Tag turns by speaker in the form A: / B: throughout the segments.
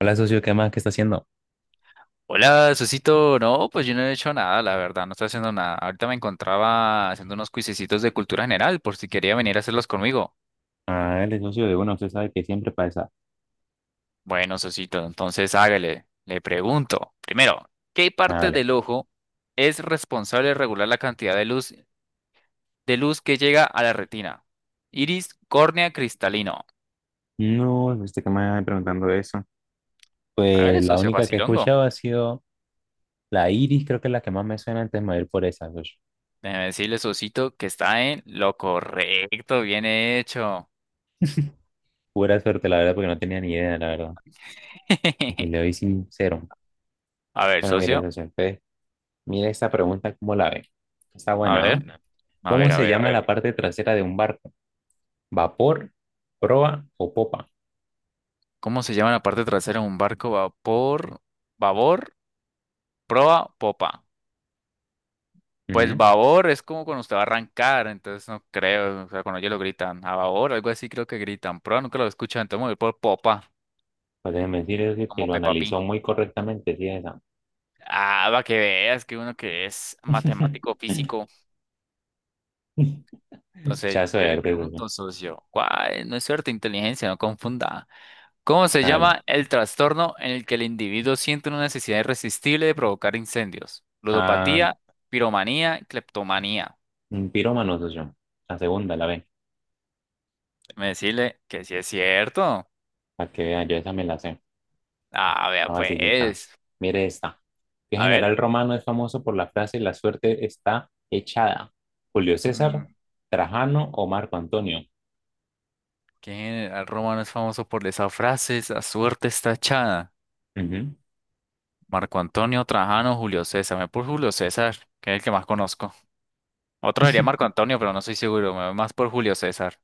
A: Hola, socio, ¿qué más? ¿Qué está haciendo?
B: Hola, Susito. No, pues yo no he hecho nada, la verdad, no estoy haciendo nada. Ahorita me encontraba haciendo unos cuisecitos de cultura general, por si quería venir a hacerlos conmigo.
A: Ah, el socio de uno, usted sabe que siempre pasa.
B: Bueno, Susito, entonces hágale. Le pregunto, primero, ¿qué
A: Ah,
B: parte
A: vale.
B: del ojo es responsable de regular la cantidad de luz, que llega a la retina? Iris, córnea, cristalino.
A: No, este que me va preguntando eso.
B: Hágale,
A: Pues la
B: socio
A: única que he
B: facilongo.
A: escuchado ha sido la Iris, creo que es la que más me suena antes de me por esa, socio.
B: Déjeme decirle, Susito, que está en lo correcto, bien hecho.
A: Pura suerte, la verdad, porque no tenía ni idea, la verdad. Y si le doy sincero.
B: A ver,
A: Bueno, mire,
B: socio,
A: socio, entonces, mire esta pregunta, ¿cómo la ve? Está
B: a
A: buena, ¿no?
B: ver. A
A: ¿Cómo
B: ver, a
A: se
B: ver, a
A: llama la
B: ver.
A: parte trasera de un barco? ¿Vapor, proa o popa?
B: ¿Cómo se llama la parte trasera de un barco? Vapor, babor, proa, popa. Pues
A: Ujú.
B: babor es como cuando usted va a arrancar, entonces no creo, o sea, cuando ellos lo gritan, a babor, algo así creo que gritan, proa nunca lo escuchan, entonces me voy por popa,
A: Pues déjeme decir socio, que
B: como
A: lo
B: Peppa Pig.
A: analizó muy correctamente, sí, esa.
B: Ah, va que veas que uno que es matemático físico.
A: Ya
B: Entonces,
A: eso
B: yo
A: de
B: le
A: arte, soy artista yo.
B: pregunto, socio, ¿cuál? No es suerte, inteligencia, no confunda. ¿Cómo se
A: Hágale.
B: llama el trastorno en el que el individuo siente una necesidad irresistible de provocar incendios?
A: Ah,
B: Ludopatía, piromanía, cleptomanía.
A: un pirómano soy yo. La segunda, la B.
B: Me decirle que sí es cierto.
A: Para que vean, yo esa me la sé.
B: Ah, vea
A: Está facilita.
B: pues.
A: Mire esta. ¿Qué
B: A ver.
A: general romano es famoso por la frase la suerte está echada? ¿Julio César,
B: Mm,
A: Trajano o Marco Antonio?
B: ¿Qué general romano es famoso por esa frase? La suerte está echada.
A: Ujú.
B: Marco Antonio, Trajano, Julio César. Me voy por Julio César, que es el que más conozco. Otro sería Marco Antonio, pero no estoy seguro. Me voy más por Julio César.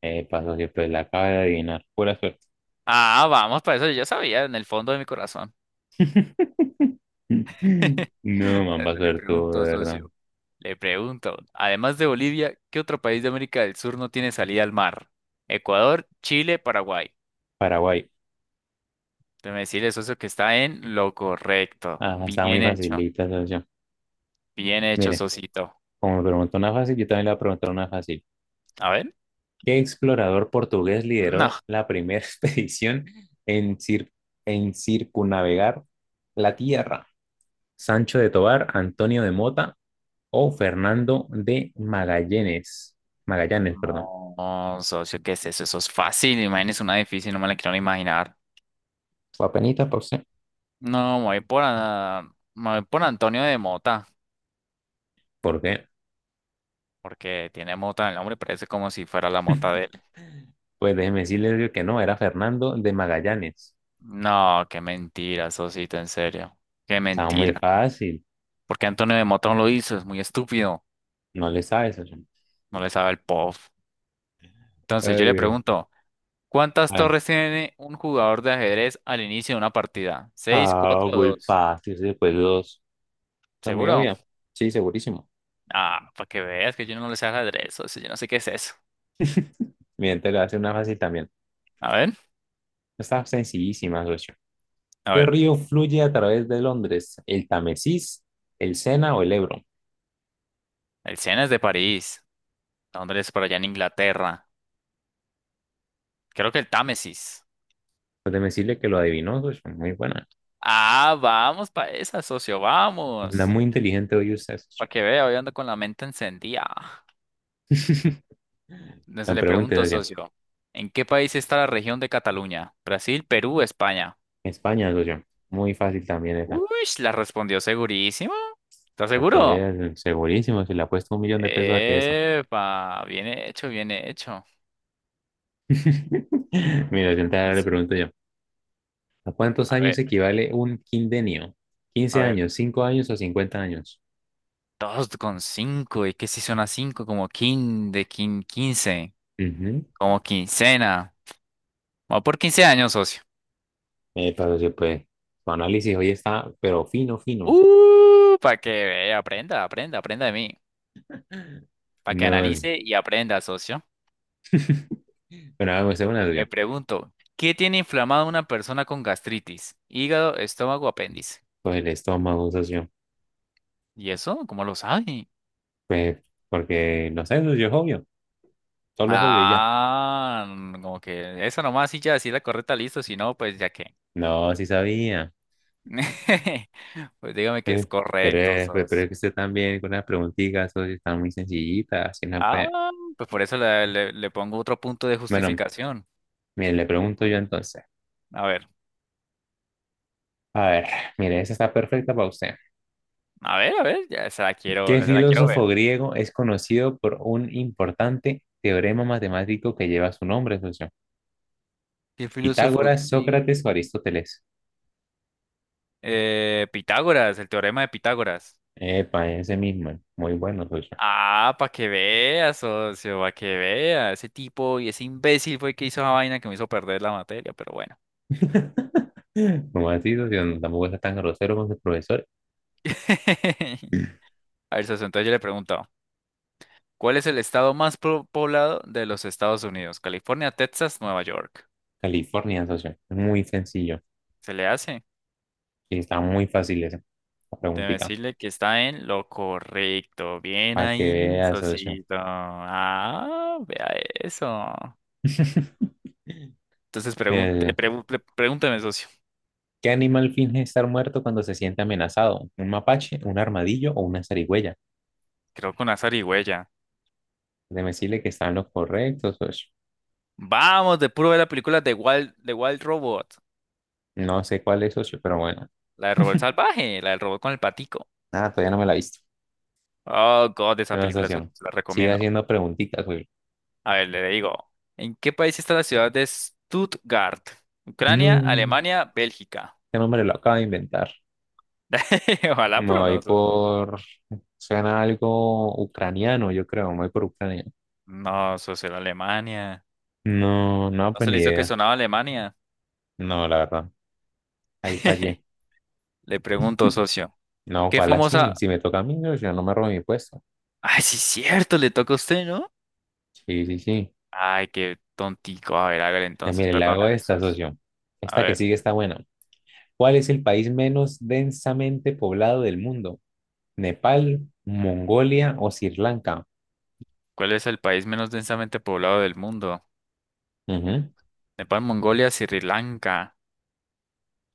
A: Pasó que pues la acaba de adivinar. Pura suerte.
B: Ah, vamos, para eso yo ya sabía en el fondo de mi corazón.
A: No, man, va
B: Bueno,
A: a
B: le
A: ser tú, de
B: pregunto,
A: verdad.
B: socio, le pregunto, además de Bolivia, ¿qué otro país de América del Sur no tiene salida al mar? Ecuador, Chile, Paraguay.
A: Paraguay.
B: Déjeme decirle, socio, que está en lo correcto.
A: Ah, está muy facilita, socio.
B: Bien hecho,
A: Mire,
B: socito.
A: como me preguntó una fácil, yo también le voy a preguntar una fácil.
B: A ver.
A: ¿Qué explorador portugués
B: No,
A: lideró la primera expedición en, cir- en circunnavegar la Tierra? ¿Sancho de Tobar, Antonio de Mota o Fernando de Magallanes? Magallanes, perdón.
B: no, socio, ¿qué es eso? Eso es fácil, imagínese una difícil, no me la quiero ni imaginar.
A: Fue apenitas por usted.
B: No, me voy por Antonio de Mota,
A: ¿Por qué?
B: porque tiene Mota en el nombre, parece como si fuera la mota de.
A: Pues déjeme decirle que no, era Fernando de Magallanes.
B: No, qué mentira, Sosito, en serio. Qué
A: Estaba muy
B: mentira.
A: fácil.
B: Porque Antonio de Motón lo hizo, es muy estúpido.
A: No le sabes. Oye.
B: No le sabe el pop. Entonces yo le
A: Eh,
B: pregunto, ¿cuántas
A: ah,
B: torres tiene un jugador de ajedrez al inicio de una partida? ¿Seis, cuatro o
A: muy
B: dos?
A: fácil. Después dos. Está muy
B: ¿Seguro?
A: obvia. Sí, segurísimo.
B: Ah, para que veas que yo no le sé ajedrez, socio, yo no sé qué es eso.
A: Miren, te lo hace una fácil también.
B: A ver,
A: Está sencillísima, socio.
B: a
A: ¿Qué
B: ver.
A: río fluye a través de Londres? ¿El Támesis, el Sena o el Ebro?
B: El Sena es de París. Londres por allá en Inglaterra. Creo que el Támesis.
A: Pues déjeme decirle que lo adivinó, socio. Muy buena.
B: Ah, vamos para esa, socio,
A: Anda
B: vamos.
A: muy inteligente hoy usted, socio.
B: Para que vea, hoy ando con la mente encendida. Entonces
A: Me
B: le
A: pregunte,
B: pregunto,
A: socio.
B: socio, ¿en qué país está la región de Cataluña? ¿Brasil, Perú, España?
A: España, socio. Muy fácil también esa.
B: Uy, la respondió segurísimo. ¿Estás
A: La
B: seguro?
A: que es segurísimo, si le apuesto 1.000.000 de pesos a que esa.
B: Epa, bien hecho, bien hecho.
A: Mira, yo entonces ahora le
B: Entonces,
A: pregunto yo. ¿A cuántos
B: a
A: años
B: ver,
A: equivale un quindenio? Quince
B: a ver,
A: años, 5 años o 50 años?
B: dos con cinco, ¿y qué si suena cinco? Como quin, de quin, quince,
A: Ujú.
B: como quincena. Va por 15 años, socio.
A: Eh, para pues, tu análisis hoy está, pero fino, fino.
B: Para que vea, aprenda, aprenda, aprenda de mí. Para que
A: No,
B: analice y aprenda, socio.
A: bueno, hago esta
B: Ok.
A: una
B: Le
A: socio.
B: pregunto, ¿qué tiene inflamado una persona con gastritis? Hígado, estómago, apéndice.
A: Pues el estómago, socio.
B: ¿Y eso? ¿Cómo lo sabe?
A: Pues, porque, no sé, socio, es obvio. Solo es obvio y ya.
B: Ah, como que esa nomás sí ya sí la correcta, listo, si no, pues ya qué.
A: No, sí sabía.
B: Pues dígame que es
A: Eh,
B: correcto,
A: pero es
B: sos.
A: que usted también con las preguntitas, socio, están muy sencillitas. Así no
B: Ah,
A: puede.
B: pues por eso le pongo otro punto de
A: Bueno,
B: justificación.
A: mire, le pregunto yo entonces.
B: A ver,
A: A ver, mire, esa está perfecta para usted.
B: a ver, a ver, ya se la quiero,
A: ¿Qué
B: se la quiero ver.
A: filósofo griego es conocido por un importante teorema matemático que lleva su nombre, socio?
B: ¿Qué filósofo?
A: Pitágoras, Sócrates o Aristóteles.
B: Pitágoras, el teorema de Pitágoras.
A: Epa, ese mismo. Muy bueno, socio.
B: Ah, para que veas, socio, para que vea. Ese tipo y ese imbécil fue el que hizo esa vaina que me hizo perder la materia, pero bueno.
A: Como así, socio, no, tampoco está tan grosero con su profesor.
B: A ver, socio, entonces yo le pregunto, ¿cuál es el estado más poblado de los Estados Unidos? California, Texas, Nueva York.
A: California, socio. Es muy sencillo.
B: ¿Se le hace?
A: Y está muy fácil esa la
B: Debe
A: preguntita.
B: decirle que está en lo correcto. Bien
A: Para que
B: ahí,
A: veas, socio.
B: socito. Ah, vea eso. Entonces pregun- le
A: Eh,
B: pregun- le- pregúnteme, socio.
A: ¿qué animal finge estar muerto cuando se siente amenazado? ¿Un mapache, un armadillo o una zarigüeya?
B: Creo con azar y huella.
A: Déjeme decirle que están los correctos, socio.
B: Vamos, de puro ver la película de Wild Robot.
A: No sé cuál es, socio, pero bueno.
B: La del Robot Salvaje, la del robot con el patico.
A: Nada, todavía no me la he visto.
B: Oh, God, esa película se
A: Anastasia,
B: se la
A: sigue
B: recomiendo.
A: haciendo preguntitas, güey.
B: A ver, le digo. ¿En qué país está la ciudad de Stuttgart? Ucrania,
A: No,
B: Alemania, Bélgica.
A: este nombre lo acaba de inventar. Me
B: Ojalá, pero
A: voy
B: no.
A: por... Suena algo ucraniano, yo creo. Me voy por Ucrania.
B: No, socio, era Alemania.
A: No, no,
B: No
A: pues
B: se le
A: ni
B: hizo que
A: idea.
B: sonaba Alemania.
A: No, la verdad. Ahí fallé.
B: Le pregunto, socio.
A: No,
B: ¿Qué
A: ¿cuál así?
B: famosa?
A: Si me toca a mí, yo no me robo mi puesto.
B: Ay, sí, cierto, le toca a usted, ¿no?
A: Sí, sí, sí.
B: Ay, qué tontico. A ver, hágale
A: Ya
B: entonces,
A: mire, le hago
B: perdóname
A: esta,
B: entonces.
A: socio.
B: A
A: Esta que
B: ver.
A: sigue está buena. ¿Cuál es el país menos densamente poblado del mundo? ¿Nepal, Mongolia o Sri Lanka?
B: ¿Cuál es el país menos densamente poblado del mundo?
A: Ujú.
B: Nepal, Mongolia, Sri Lanka.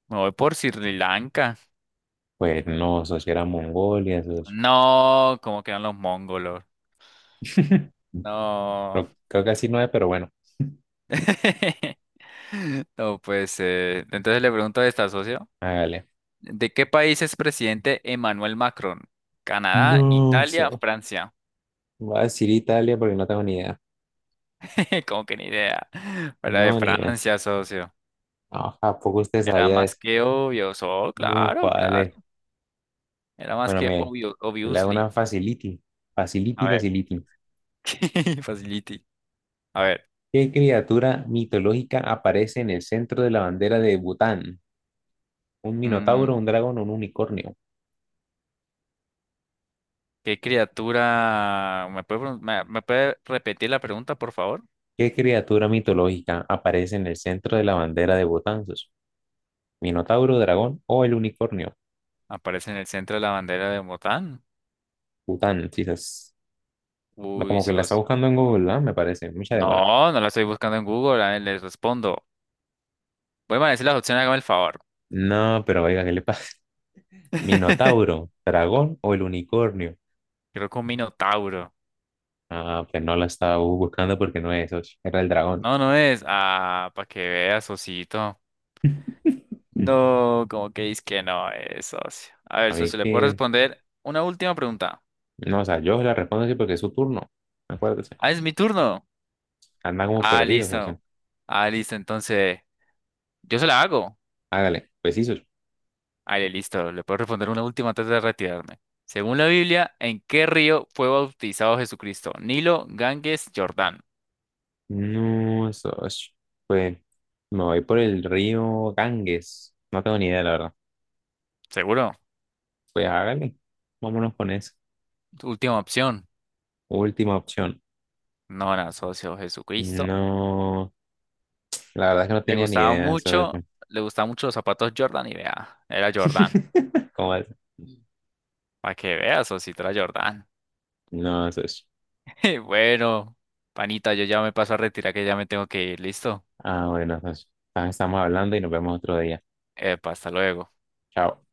B: Me voy por Sri Lanka.
A: Pues no, eso sí era Mongolia, eso es-
B: No, ¿cómo quedan los mongolos? No.
A: Creo que así no es, pero bueno,
B: No, pues, entonces le pregunto a esta socio,
A: hágale.
B: ¿de qué país es presidente Emmanuel Macron? Canadá,
A: No,
B: Italia,
A: so-
B: Francia.
A: voy a decir Italia porque no tengo ni idea.
B: Como que ni idea. Era de
A: No, ni idea.
B: Francia, socio.
A: Ah, ¿a poco usted
B: Era
A: sabía de
B: más
A: eso?
B: que obvio. Oh,
A: No,
B: claro,
A: ¿cuál
B: claro.
A: es?
B: Era más
A: Bueno,
B: que
A: mire,
B: obvio,
A: le hago una
B: obviously.
A: facility.
B: A
A: Facility,
B: ver.
A: facility.
B: Facility. A ver,
A: ¿Qué criatura mitológica aparece en el centro de la bandera de Bután? ¿Un
B: mm,
A: minotauro, un dragón o un unicornio?
B: ¿qué criatura? ¿Me puede, me puede repetir la pregunta, por favor?
A: ¿Qué criatura mitológica aparece en el centro de la bandera de Bután? ¿Sus? ¿Minotauro, dragón o el unicornio?
B: Aparece en el centro de la bandera de Botán.
A: Bután, Jesus. No,
B: Uy,
A: como que la está
B: socio.
A: buscando en Google, ¿verdad? Me parece, mucha demora.
B: No, no la estoy buscando en Google. A ver, les respondo. Voy a decir las opciones, hágame el favor.
A: No, pero oiga, ¿qué le pasa? ¿Minotauro, dragón o el unicornio?
B: Creo que un minotauro.
A: Ah, pues no la estaba buscando porque no es eso, era el dragón.
B: No, no es. Ah, para que veas, socito. No, como que dices que no es, socio. A ver,
A: A mí
B: socio, ¿le puedo
A: que,
B: responder una última pregunta?
A: no, o sea, yo la respondo así porque es su turno, acuérdese.
B: Ah, es mi turno.
A: Anda como
B: Ah,
A: perdidos, o
B: listo.
A: sea,
B: Ah, listo, entonces yo se la hago.
A: hágale, pues sí, socio.
B: Ale, listo, le puedo responder una última antes de retirarme. Según la Biblia, ¿en qué río fue bautizado Jesucristo? Nilo, Ganges, Jordán.
A: No, eso, pues me voy por el río Ganges, no tengo ni idea, la verdad.
B: ¿Seguro?
A: Pues hágale, vámonos con eso.
B: Última opción.
A: Última opción.
B: No, era socio, Jesucristo.
A: No, la verdad es que no
B: Le
A: tenía ni
B: gustaba
A: idea,
B: mucho,
A: socio.
B: le gustaban mucho los zapatos Jordan y vea, era Jordán.
A: ¿Cómo es?
B: Para que veas, socio, era Jordán.
A: No, socio.
B: Bueno, panita, yo ya me paso a retirar que ya me tengo que ir, ¿listo?
A: Ah, bueno, socio. Ah, estamos hablando y nos vemos otro día.
B: Epa, hasta luego.
A: Chao.